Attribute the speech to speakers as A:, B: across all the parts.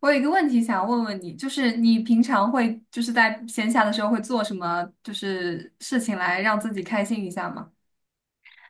A: 我有一个问题想问问你，就是你平常会就是在闲暇的时候会做什么就是事情来让自己开心一下吗？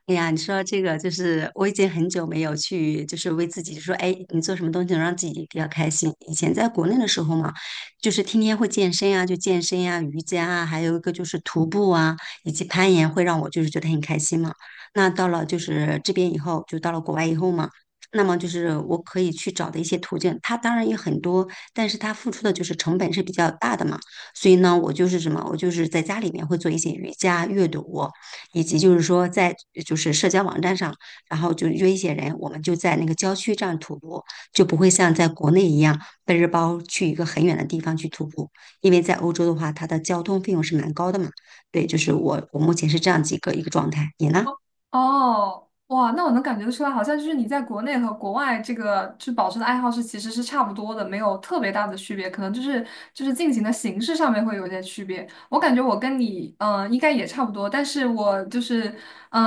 B: 哎呀，你说这个就是我已经很久没有去，就是为自己说，哎，你做什么东西能让自己比较开心？以前在国内的时候嘛，就是天天会健身啊，就健身啊，瑜伽啊，还有一个就是徒步啊，以及攀岩，会让我就是觉得很开心嘛。那到了就是这边以后，就到了国外以后嘛，那么就是我可以去找的一些途径，它当然有很多，但是它付出的就是成本是比较大的嘛。所以呢，我就是在家里面会做一些瑜伽、阅读。以及就是说在社交网站上，然后就约一些人，我们就在那个郊区这样徒步，就不会像在国内一样背着包去一个很远的地方去徒步，因为在欧洲的话，它的交通费用是蛮高的嘛。对，就是我目前是这样几个一个状态，你呢？
A: 哦，哦哇，那我能感觉得出来，好像就是你在国内和国外这个就保持的爱好是其实是差不多的，没有特别大的区别，可能就是进行的形式上面会有一些区别。我感觉我跟你应该也差不多，但是我就是嗯、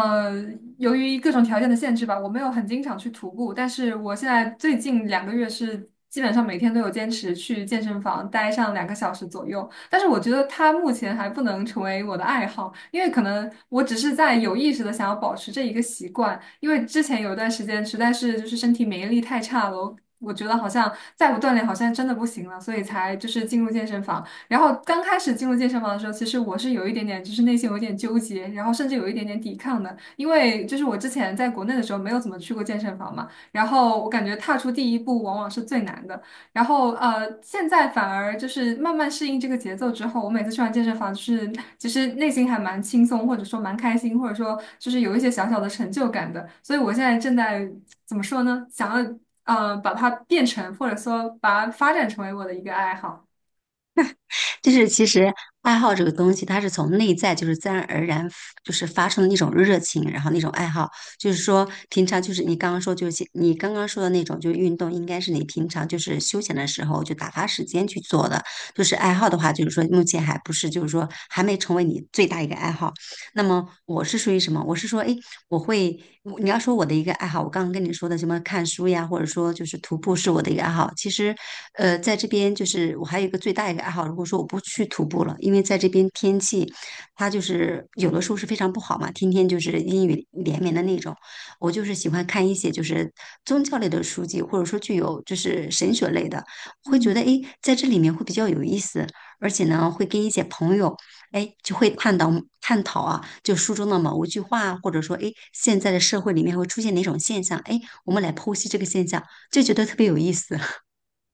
A: 呃由于各种条件的限制吧，我没有很经常去徒步，但是我现在最近两个月是基本上每天都有坚持去健身房待上两个小时左右。但是我觉得它目前还不能成为我的爱好，因为可能我只是在有意识的想要保持这一个习惯，因为之前有一段时间实在是就是身体免疫力太差了，我觉得好像再不锻炼好像真的不行了，所以才就是进入健身房。然后刚开始进入健身房的时候，其实我是有一点点就是内心有一点纠结，然后甚至有一点点抵抗的，因为就是我之前在国内的时候没有怎么去过健身房嘛，然后我感觉踏出第一步往往是最难的。然后现在反而就是慢慢适应这个节奏之后，我每次去完健身房，就是其实内心还蛮轻松，或者说蛮开心，或者说就是有一些小小的成就感的。所以我现在正在怎么说呢？想要把它变成，或者说把它发展成为我的一个爱好。
B: 就是其实爱好这个东西，它是从内在就是自然而然就是发生的那种热情，然后那种爱好，就是说平常就是你刚刚说的那种，就是运动应该是你平常就是休闲的时候就打发时间去做的，就是爱好的话，就是说目前还不是就是说还没成为你最大一个爱好，那么我是属于什么？我是说，哎，我会，我你要说我的一个爱好，我刚刚跟你说的什么看书呀，或者说就是徒步是我的一个爱好。其实，在这边就是我还有一个最大一个爱好，如果说我不去徒步了，因为在这边天气它就是有的时候是非常不好嘛，天天就是阴雨连绵的那种。我就是喜欢看一些就是宗教类的书籍，或者说具有就是神学类的，会
A: 嗯，
B: 觉得哎，诶在这里面会比较有意思，而且呢，会跟一些朋友。哎，就会探讨探讨啊，就书中的某一句话啊或者说，哎，现在的社会里面会出现哪种现象？哎，我们来剖析这个现象，就觉得特别有意思。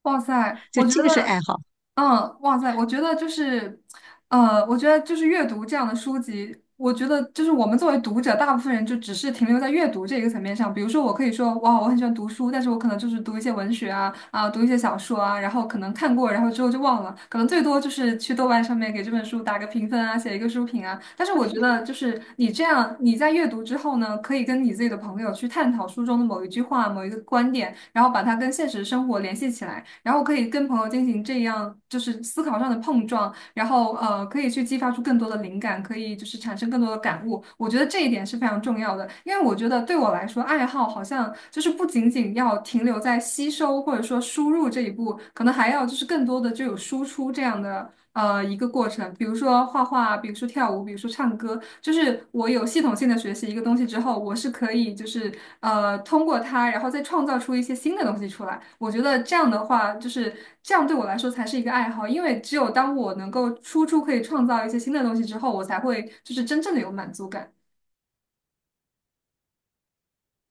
A: 哇塞，
B: 就
A: 我觉
B: 这个是
A: 得，
B: 爱好，
A: 嗯，哇塞，我觉得就是。我觉得就是阅读这样的书籍，我觉得就是我们作为读者，大部分人就只是停留在阅读这一个层面上。比如说，我可以说哇，我很喜欢读书，但是我可能就是读一些文学啊，啊，读一些小说啊，然后可能看过，然后之后就忘了，可能最多就是去豆瓣上面给这本书打个评分啊，写一个书评啊。但是我觉得，就是你这样，你在阅读之后呢，可以跟你自己的朋友去探讨书中的某一句话、某一个观点，然后把它跟现实生活联系起来，然后可以跟朋友进行这样就是思考上的碰撞。然后可以去激发出更多的灵感，可以就是产生更多的感悟。我觉得这一点是非常重要的，因为我觉得对我来说，爱好好像就是不仅仅要停留在吸收或者说输入这一步，可能还要就是更多的就有输出这样的一个过程，比如说画画，比如说。说跳舞，比如说唱歌，就是我有系统性的学习一个东西之后，我是可以就是通过它，然后再创造出一些新的东西出来。我觉得这样的话，就是这样对我来说才是一个爱好，因为只有当我能够输出可以创造一些新的东西之后，我才会就是真正的有满足感。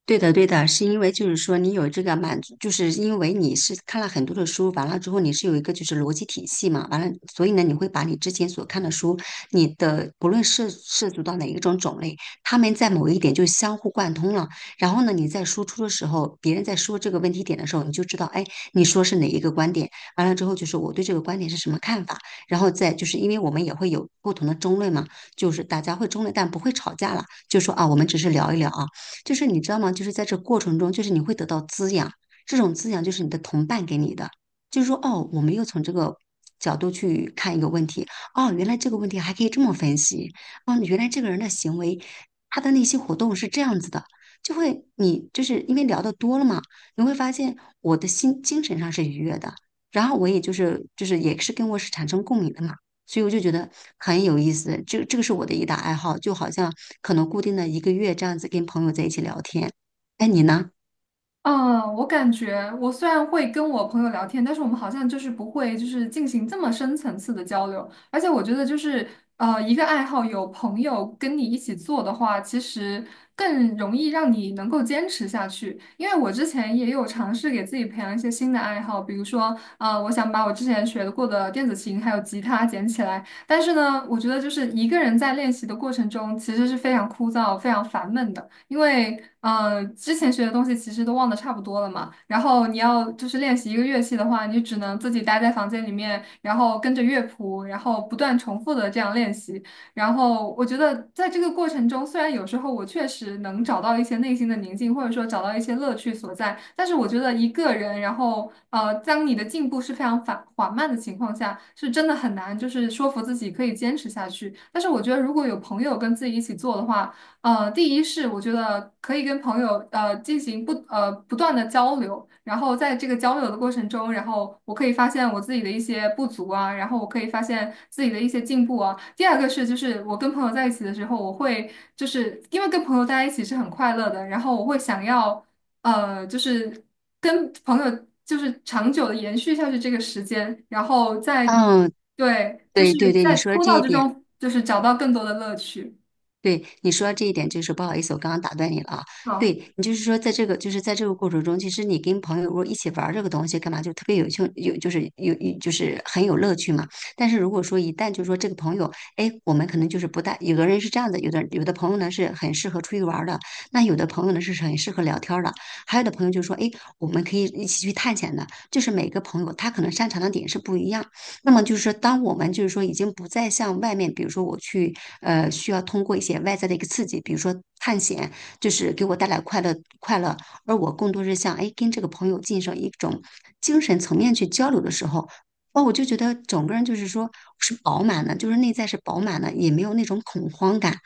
B: 对的，对的，是因为就是说你有这个满足，就是因为你是看了很多的书，完了之后你是有一个就是逻辑体系嘛，完了，所以呢，你会把你之前所看的书，你的不论涉足到哪一种种类，他们在某一点就相互贯通了。然后呢，你在输出的时候，别人在说这个问题点的时候，你就知道，哎，你说是哪一个观点，完了之后就是我对这个观点是什么看法，然后再就是因为我们也会有不同的争论嘛，就是大家会争论，但不会吵架了，就说啊，我们只是聊一聊啊。就是你知道吗？就是在这过程中，就是你会得到滋养，这种滋养就是你的同伴给你的，就是说哦，我们又从这个角度去看一个问题，哦，原来这个问题还可以这么分析，哦，原来这个人的行为，他的那些活动是这样子的。你就是因为聊的多了嘛，你会发现我的心精神上是愉悦的，然后我也就是也是跟我是产生共鸣的嘛。所以我就觉得很有意思。这个是我的一大爱好，就好像可能固定的一个月这样子跟朋友在一起聊天。哎，你呢？
A: 嗯，我感觉我虽然会跟我朋友聊天，但是我们好像就是不会就是进行这么深层次的交流。而且我觉得就是一个爱好有朋友跟你一起做的话，其实更容易让你能够坚持下去。因为我之前也有尝试给自己培养一些新的爱好，比如说我想把我之前学过的电子琴还有吉他捡起来。但是呢，我觉得就是一个人在练习的过程中，其实是非常枯燥、非常烦闷的。因为之前学的东西其实都忘得差不多了嘛。然后你要就是练习一个乐器的话，你只能自己待在房间里面，然后跟着乐谱，然后不断重复的这样练习。然后我觉得在这个过程中，虽然有时候我确实能找到一些内心的宁静，或者说找到一些乐趣所在，但是我觉得一个人，然后当你的进步是非常缓缓慢的情况下，是真的很难，就是说服自己可以坚持下去。但是我觉得如果有朋友跟自己一起做的话，呃，第一是我觉得可以跟朋友进行不断的交流，然后在这个交流的过程中，然后我可以发现我自己的一些不足啊，然后我可以发现自己的一些进步啊。第二个是就是我跟朋友在一起的时候，我会就是因为跟朋友在一起是很快乐的，然后我会想要就是跟朋友就是长久的延续下去这个时间，然后在
B: 嗯，
A: 对就是
B: 对对对，你
A: 在
B: 说的
A: 枯
B: 这
A: 燥
B: 一
A: 之
B: 点。
A: 中就是找到更多的乐趣。
B: 对你说到这一点，就是不好意思，我刚刚打断你了啊。
A: 好。
B: 对你就是说，在这个过程中，其实你跟朋友如果一起玩儿这个东西，干嘛就特别有趣，有就是有有就是很有乐趣嘛。但是如果说一旦就说这个朋友，哎，我们可能就是不大，有的人是这样的，有的朋友呢是很适合出去玩儿的，那有的朋友呢是很适合聊天儿的，还有的朋友就说，哎，我们可以一起去探险的。就是每个朋友他可能擅长的点是不一样，那么就是说，当我们就是说已经不再向外面，比如说我去需要通过一些外在的一个刺激，比如说探险，就是给我带来快乐，而我更多是像，哎跟这个朋友进行一种精神层面去交流的时候。哦，我就觉得整个人就是说是饱满的，就是内在是饱满的，也没有那种恐慌感，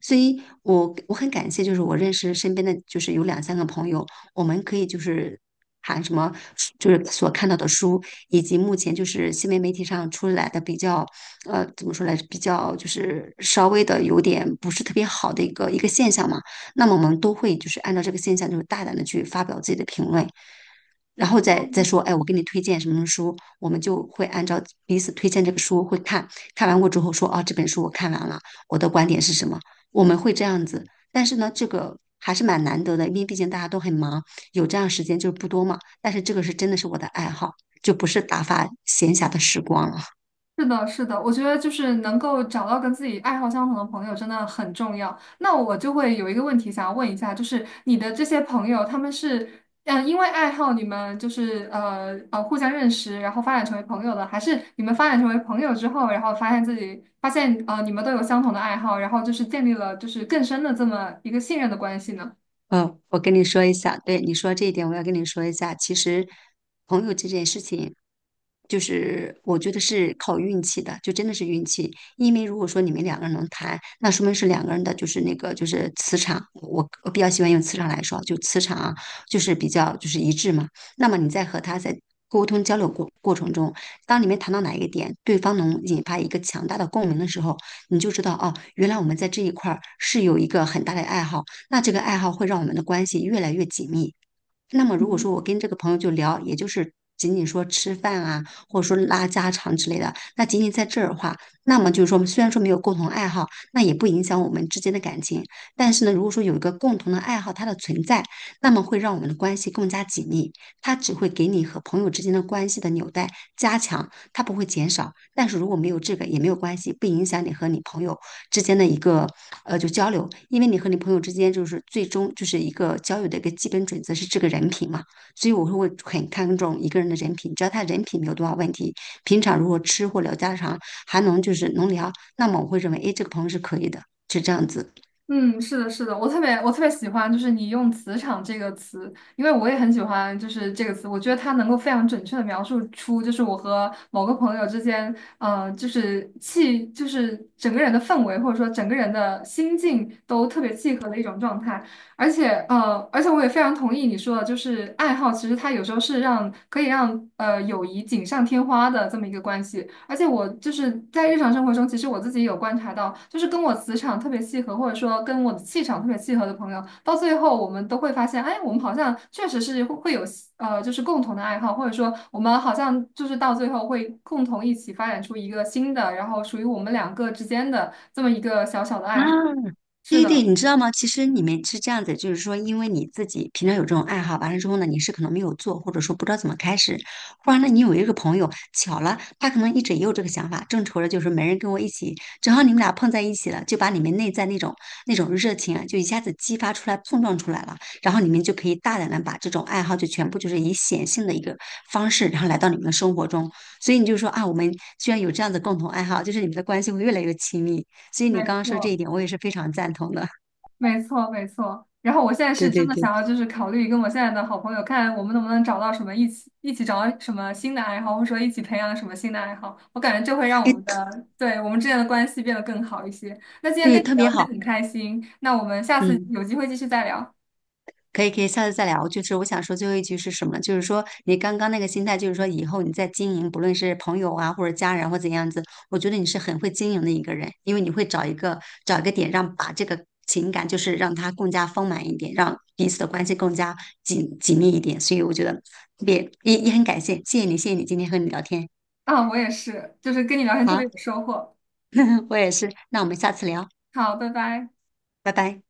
B: 所以我很感谢，就是我认识身边的就是有两三个朋友，我们可以就是谈什么，就是所看到的书，以及目前就是新闻媒体上出来的比较，怎么说来，比较就是稍微的有点不是特别好的一个一个现象嘛，那么我们都会就是按照这个现象，就是大胆的去发表自己的评论。然后再说，哎，我给你推荐什么什么书，我们就会按照彼此推荐这个书会看，看完过之后说，啊，这本书我看完了，我的观点是什么，我们会这样子。但是呢，这个还是蛮难得的，因为毕竟大家都很忙，有这样时间就是不多嘛。但是这个是真的是我的爱好，就不是打发闲暇的时光了。
A: 是的，是的，我觉得就是能够找到跟自己爱好相同的朋友真的很重要。那我就会有一个问题想要问一下，就是你的这些朋友，他们是因为爱好你们就是互相认识，然后发展成为朋友的，还是你们发展成为朋友之后，然后发现自己发现你们都有相同的爱好，然后就是建立了就是更深的这么一个信任的关系呢？
B: 我跟你说一下，对你说这一点，我要跟你说一下。其实，朋友这件事情，就是我觉得是靠运气的，就真的是运气。因为如果说你们两个人能谈，那说明是两个人的，就是那个就是磁场，我比较喜欢用磁场来说，就磁场啊，就是比较就是一致嘛。那么你在和他在沟通交流过程中，当你们谈到哪一个点，对方能引发一个强大的共鸣的时候，你就知道哦，原来我们在这一块儿是有一个很大的爱好。那这个爱好会让我们的关系越来越紧密。那么如果说我跟这个朋友就聊，也就是仅仅说吃饭啊，或者说拉家常之类的，那仅仅在这儿的话，那么就是说虽然说没有共同爱好，那也不影响我们之间的感情。但是呢，如果说有一个共同的爱好，它的存在，那么会让我们的关系更加紧密。它只会给你和朋友之间的关系的纽带加强，它不会减少。但是如果没有这个也没有关系，不影响你和你朋友之间的一个就交流，因为你和你朋友之间就是最终就是一个交友的一个基本准则是这个人品嘛，所以我会很看重一个人的人品，只要他人品没有多少问题，平常如果吃或聊家常还能就是能聊，那么我会认为，哎，这个朋友是可以的，是这样子。
A: 嗯，是的，是的，我特别喜欢，就是你用"磁场"这个词，因为我也很喜欢，就是这个词，我觉得它能够非常准确的描述出，就是我和某个朋友之间，就是气，就是整个人的氛围，或者说整个人的心境都特别契合的一种状态。而且，而且我也非常同意你说的，就是爱好，其实它有时候是让可以让友谊锦上添花的这么一个关系。而且我就是在日常生活中，其实我自己有观察到，就是跟我磁场特别契合，或者说跟我的气场特别契合的朋友，到最后我们都会发现，哎，我们好像确实是会有就是共同的爱好，或者说我们好像就是到最后会共同一起发展出一个新的，然后属于我们两个之间的这么一个小小的
B: 啊，
A: 爱好。是
B: 对对，
A: 的，
B: 你知道吗？其实你们是这样子，就是说，因为你自己平常有这种爱好，完了之后呢，你是可能没有做，或者说不知道怎么开始，忽然呢，你有一个朋友巧了，他可能一直也有这个想法，正愁着就是没人跟我一起，正好你们俩碰在一起了，就把你们内在那种热情啊，就一下子激发出来、碰撞出来了，然后你们就可以大胆的把这种爱好就全部就是以显性的一个方式，然后来到你们的生活中，所以你就说啊，我们居然有这样的共同爱好，就是你们的关系会越来越亲密。所以
A: 没
B: 你刚刚说这一
A: 错。
B: 点，我也是非常赞同的。
A: 没错，没错。然后我现在
B: 对
A: 是真
B: 对
A: 的
B: 对，
A: 想要，就是考虑跟我现在的好朋友，看我们能不能找到什么一起找到什么新的爱好，或者说一起培养什么新的爱好。我感觉这会让我
B: 哎，
A: 们的，对，我们之间的关系变得更好一些。那今天
B: 对，
A: 跟你
B: 特别
A: 聊天
B: 好，
A: 很开心，那我们下次
B: 嗯，
A: 有机会继续再聊。
B: 可以可以，下次再聊。就是我想说最后一句是什么呢就是说你刚刚那个心态，就是说以后你在经营，不论是朋友啊，或者家人或怎样子，我觉得你是很会经营的一个人，因为你会找一个点，让把这个情感就是让它更加丰满一点，让彼此的关系更加紧密一点。所以我觉得特别也很感谢，谢谢你，谢谢你今天和你聊天。
A: 啊，我也是，就是跟你聊天特别
B: 好，
A: 有收获。
B: 我也是，那我们下次聊，
A: 好，拜拜。
B: 拜拜。